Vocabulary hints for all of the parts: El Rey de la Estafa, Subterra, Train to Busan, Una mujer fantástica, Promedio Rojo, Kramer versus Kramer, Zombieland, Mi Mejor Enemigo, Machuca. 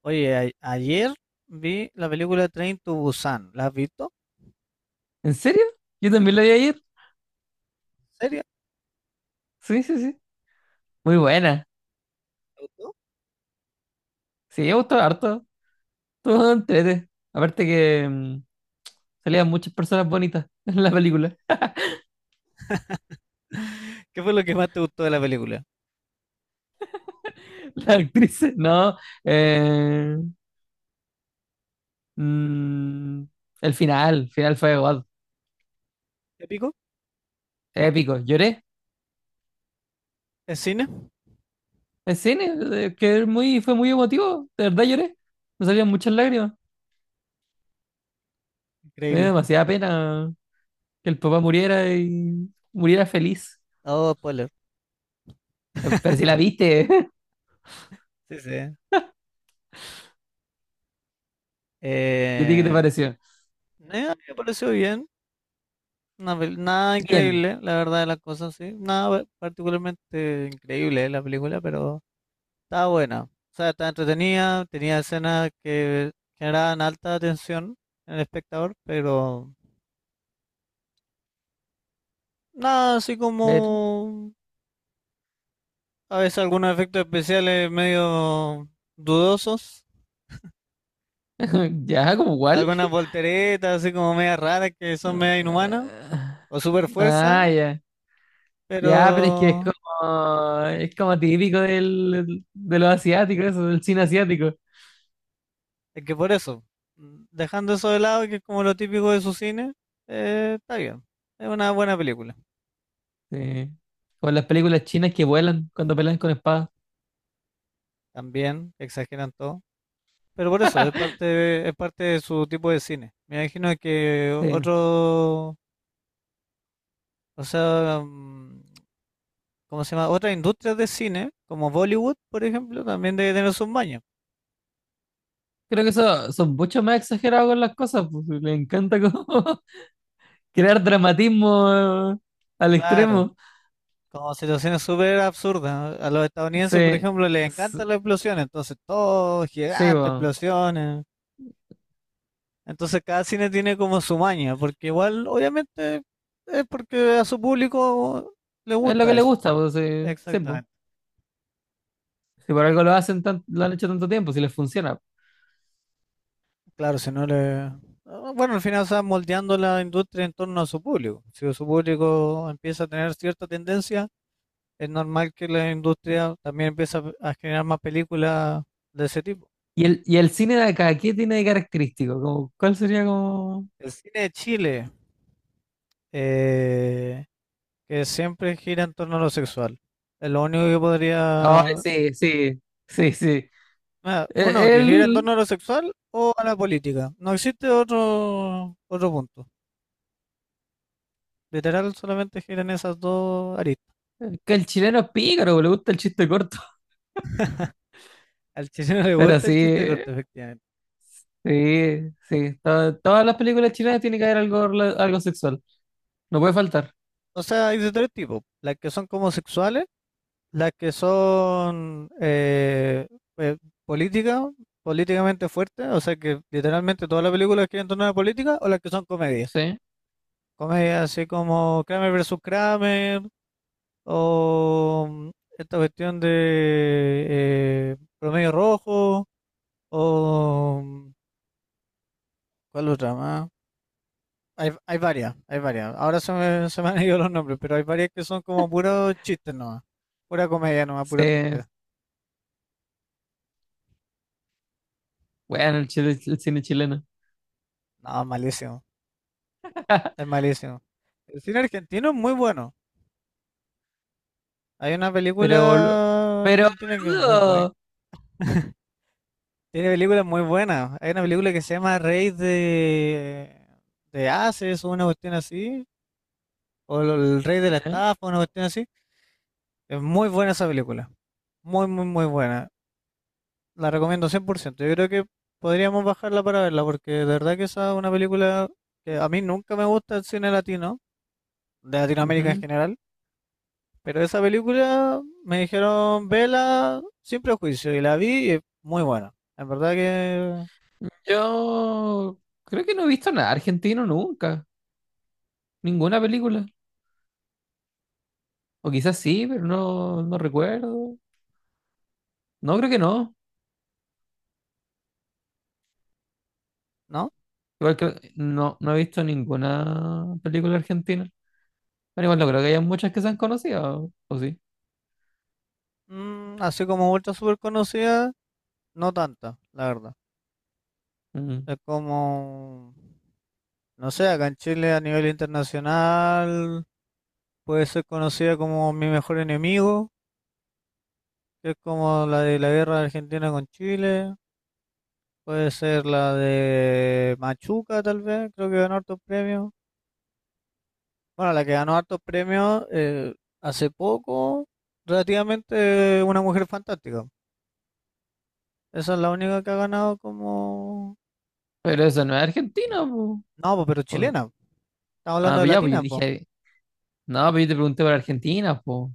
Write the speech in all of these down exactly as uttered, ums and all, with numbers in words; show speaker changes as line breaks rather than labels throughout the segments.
Oye, a- ayer vi la película Train to Busan. ¿La has visto?
¿En serio? Yo también la vi ayer.
¿En serio?
Sí, sí, sí. Muy buena.
¿Te gustó?
Sí, me gustó harto. Todo entrete. Aparte que mm, salían muchas personas bonitas en la película.
¿Qué fue lo que más te gustó de la película?
Las actrices, no. Eh, mm, el final, el final fue igual.
¿Te pico?
Épico. Lloré.
¿Es cine?
En cine, eh, que es muy, fue muy emotivo. De verdad lloré. Me salían muchas lágrimas. Me dio
Increíble.
demasiada pena que el papá muriera y muriera feliz.
Oh, spoiler.
Pero si la viste,
Sí, sí. Eh,
¿y a ti qué te pareció?
eh, me pareció bien. Una pel- nada
Bien.
increíble, la verdad de las cosas, sí. Nada particularmente increíble la película, pero estaba buena. O sea, estaba entretenida, tenía escenas que generaban alta atención en el espectador, pero... Nada, así como a veces algunos efectos especiales medio dudosos,
Ya, como igual.
algunas volteretas así como media raras que son media inhumanas,
Ah,
o super fuerza,
ah, ya. Ya, pero es que es
pero
como, es como típico del, de los asiáticos, eso, del cine asiático.
es que por eso, dejando eso de lado, que es como lo típico de su cine, eh, está bien. Es una buena película.
Sí. Con las películas chinas que vuelan cuando pelean con espadas.
También exageran todo. Pero por eso, es parte, de- es parte de su tipo de cine. Me imagino que
Sí.
otro, o sea, mm, ¿cómo se llama? Otras industrias de cine, como Bollywood, por ejemplo, también debe tener sus mañas.
Creo que eso son mucho más exagerados con las cosas. Pues, le encanta como crear dramatismo eh, al
Claro,
extremo.
como situaciones súper absurdas, ¿no? A los estadounidenses, por
Sí,
ejemplo, les
sí,
encantan las explosiones, entonces todo
sí,
gigante,
po.
explosiones. Entonces cada cine tiene como su maña, porque igual, obviamente, es porque a su público le
Es lo
gusta
que le
eso.
gusta, pues, sí, sí, po.
Exactamente.
Si por algo lo hacen tan- lo han hecho tanto tiempo, si les funciona.
Claro, si no le... Ah, bueno, al final está moldeando la industria en torno a su público. Si su público empieza a tener cierta tendencia, es normal que la industria también empiece a, a generar más películas de ese tipo.
¿Y el, y el cine de acá, ¿qué tiene de característico? Como, ¿cuál sería como...?
El cine de Chile, eh, que siempre gira en torno a lo sexual, es lo único que
Ah,
podría...
sí, sí, sí, sí.
Ah, uno,
E-
que gira en
El,
torno a lo sexual o a la política. No existe otro, otro punto. Literal, solamente giran esas dos aristas.
que el chileno es pícaro, bo, le gusta el chiste corto.
Al chileno le
Pero
gusta el chiste
sí,
corto, efectivamente.
sí, sí. To- todas las películas chilenas tienen que haber algo, rela- algo sexual. No puede faltar.
O sea, hay de tres tipos. Las que son como sexuales, las que son eh, eh, políticas, políticamente fuertes, o sea que literalmente toda la película es en torno a la política, o las que son comedias.
Sí,
Comedias así como Kramer versus Kramer, o mm, esta cuestión de eh, Promedio Rojo, o mm, ¿cuál otra más? Hay, hay varias, hay varias. Ahora se me, se me han ido los nombres, pero hay varias que son como puros chistes nomás, pura comedia nomás, pura
sí.
tontera.
Bueno, el, chile- el cine chileno.
No, malísimo, es malísimo. El cine argentino es muy bueno. Hay una
Pero, bolu-
película
pero,
argentina que es muy buena.
boludo.
Tiene películas muy buenas. Hay una película que se llama Rey de, de Ases o una cuestión así. O lo- El Rey de la
¿Eh?
Estafa, una cuestión así. Es muy buena esa película. Muy, muy, muy buena. La recomiendo cien por ciento. Yo creo que podríamos bajarla para verla porque de verdad que esa es una película que a mí nunca me gusta el cine latino, de Latinoamérica en
Ujú.
general. Pero esa película me dijeron vela sin prejuicio y la vi y es muy buena. En verdad que
Yo creo que no he visto nada argentino nunca. Ninguna película. O quizás sí, pero no, no recuerdo. No, creo que no.
no.
Igual que no, no he visto ninguna película argentina. Pero igual no creo que haya muchas que sean conocidas, o, o sí.
Mm, así como vuelta súper conocida, no tanta, la verdad.
Mm.
Es como, no sé, acá en Chile a nivel internacional puede ser conocida como Mi Mejor Enemigo, que es como la de la guerra de Argentina con Chile. Puede ser la de Machuca, tal vez, creo que ganó hartos premios. Bueno, la que ganó hartos premios eh, hace poco, relativamente, una mujer fantástica. Esa es la única que ha ganado como...
Pero eso no es Argentina, po.
No, po, pero
O-
chilena. Estamos
ah,
hablando de
pues ya, pues yo
latina, po.
dije, no, pero yo te pregunté por Argentina, po.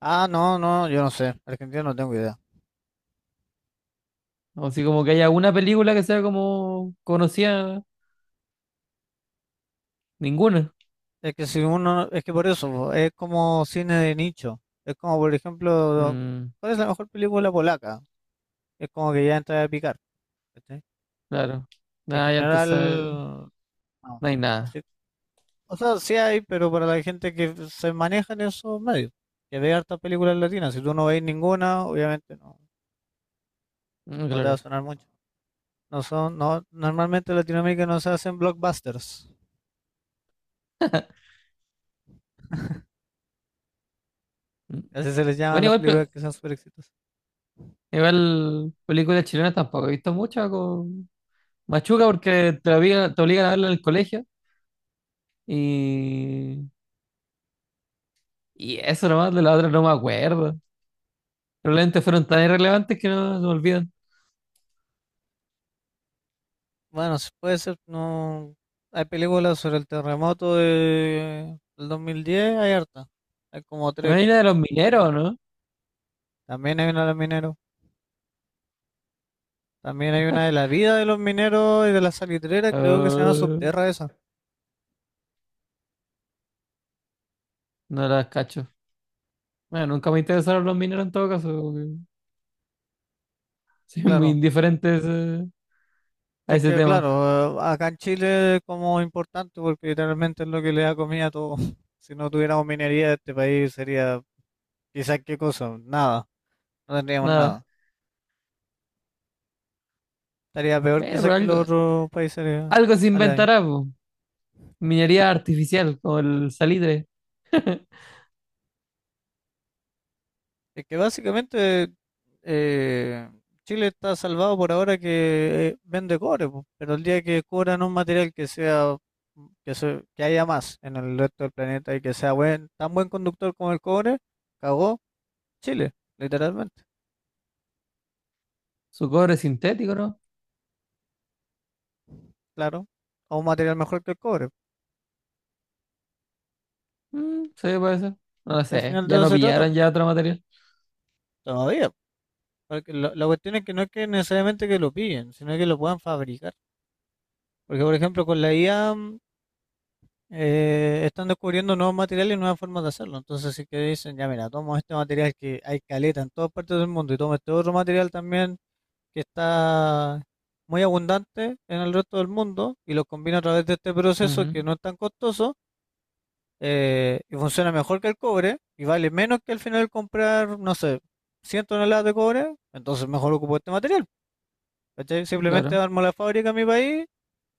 Ah, no, no, yo no sé. Argentina no tengo idea.
O si como que haya una película que sea como conocida, ninguna.
Es que si uno... Es que por eso, po, es como cine de nicho. Es como, por ejemplo,
Mm,
¿cuál es la mejor película polaca? Es como que ya entra a picar. ¿Cachai?
claro.
En
Nada, ya entonces
general, no.
no hay nada.
Así o sea, sí hay, pero para la gente que se maneja en esos medios, que ve hartas películas latinas, si tú no veis ninguna, obviamente no,
Mm,
no te va a
claro.
sonar mucho. No son, no, normalmente en Latinoamérica no se hacen blockbusters.
Mm.
Así se les llama a
Bueno,
las
igual, pe-
películas que son súper exitosas.
igual películas chilenas tampoco he visto muchas. Machuca porque te obligan, te obligan a verlo en el colegio y, y eso nomás. De la otra no me acuerdo. Probablemente fueron tan irrelevantes que no se me olvidan.
Bueno, sí puede ser, no. Hay películas sobre el terremoto de, del dos mil diez, hay harta. Hay como tres,
También hay una
creo.
de los mineros, ¿no?
También hay una de los mineros. También hay una de la vida de los mineros y de la salitrera, creo que se llama
Ah,
Subterra esa.
no las cacho. Bueno, nunca me interesaron los mineros en todo caso. Como que soy muy
Claro.
indiferente a ese, a
Es
ese
que,
tema.
claro, eh, acá en Chile como importante porque literalmente es lo que le da comida a todo. Si no tuviéramos minería, este país sería quizás qué cosa, nada, no tendríamos
Nada.
nada. Estaría peor
Bueno,
quizás
pero
que
algo,
los otros países
algo se
aledaños.
inventará, po. Minería artificial, como el salitre.
Es que básicamente eh, Chile está salvado por ahora que eh, vende cobre, po, pero el día que cobran un material que sea que, se- que haya más en el resto del planeta y que sea buen, tan buen conductor como el cobre, cagó Chile, literalmente.
Su cobre sintético, ¿no?
Claro, o un material mejor que el cobre.
Mm, sí, puede ser. No lo
Al
sé.
final de
Ya
eso
no
se trata,
pillaron ya otro material.
todavía. Porque la, la cuestión es que no es que necesariamente que lo pillen, sino que lo puedan fabricar. Porque, por ejemplo, con la I A eh, están descubriendo nuevos materiales y nuevas formas de hacerlo. Entonces, si que dicen, ya mira, tomo este material que hay caleta en todas partes del mundo y tomo este otro material también que está muy abundante en el resto del mundo y lo combino a través de este proceso que
Ujú,
no es tan costoso eh, y funciona mejor que el cobre y vale menos que al final comprar, no sé, cien toneladas de cobre, entonces mejor ocupo este material. ¿Cachai? Simplemente
claro.
armo la fábrica en mi país,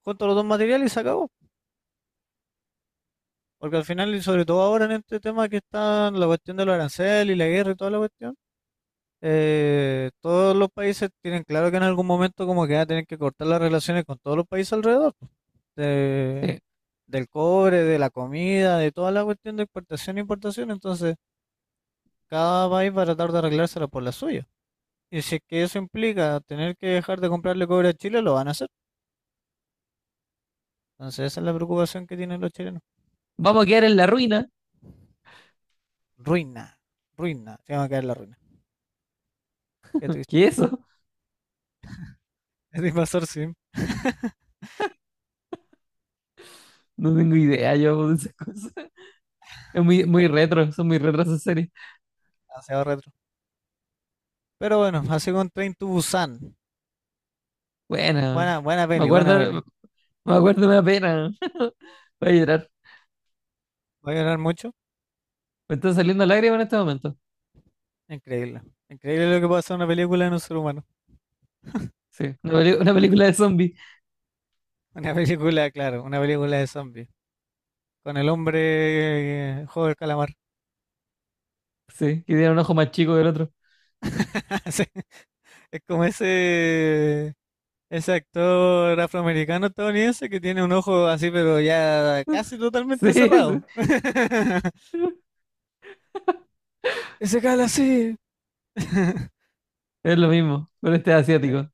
junto los dos materiales y se acabó. Porque al final, y sobre todo ahora en este tema que está la cuestión de los aranceles y la guerra y toda la cuestión, eh, todos los países tienen claro que en algún momento como que van a tener que cortar las relaciones con todos los países alrededor. de-
Sí.
Del cobre, de la comida, de toda la cuestión de exportación e importación. Entonces, cada país va a tratar de arreglársela por la suya. Y si es que eso implica tener que dejar de comprarle cobre a Chile, lo van a hacer. Entonces esa es la preocupación que tienen los chilenos.
Vamos a quedar en la ruina.
Ruina, ruina, se va a caer la ruina. Qué triste.
¿Qué es eso?
El invasor sim.
No tengo idea yo de esas cosas. Es muy, muy retro, son muy retro esas series.
Demasiado retro. Pero bueno, así con Train to Busan.
Bueno,
Buena, buena
me
peli, buena
acuerdo,
peli.
me acuerdo, me da pena. Voy a llorar.
¿Va a llorar mucho?
Me están saliendo lágrimas en este momento.
Increíble. Increíble lo que pasa en una película de un ser humano.
Sí, una, peli- una película de zombies.
Una película, claro, una película de zombies. Con el hombre eh, juego del calamar.
Sí, que tiene un ojo más chico que el otro.
Sí, es como ese Ese actor afroamericano estadounidense que tiene un ojo así, pero ya casi
Sí,
totalmente
sí,
cerrado. Ese cala así.
es lo mismo, pero este es
Sí,
asiático.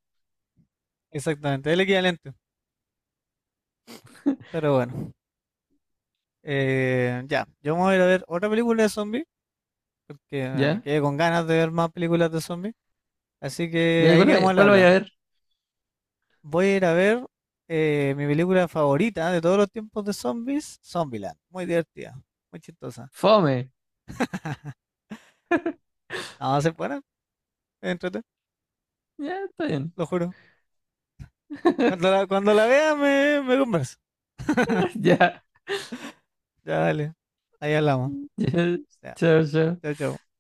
exactamente, el equivalente. Pero bueno, eh, ya, yo me voy a ir a ver otra película de zombies, porque eh,
¿Ya?
quedé con ganas de ver más películas de zombies. Así que
¿Ya? ¿Y
ahí
cuál,
quedamos
voy-
al
cuál voy
habla.
a ver?
Voy a ir a ver eh, mi película favorita de todos los tiempos de zombies, Zombieland. Muy divertida, muy chistosa.
Fome.
No, se buena, entrete,
Ya, está bien.
lo juro. Cuando la, cuando la vea me, me compras
Ya.
Ya, dale. Ahí hablamos.
Ya.
Ya.
Chao, chao.
Chao, chao.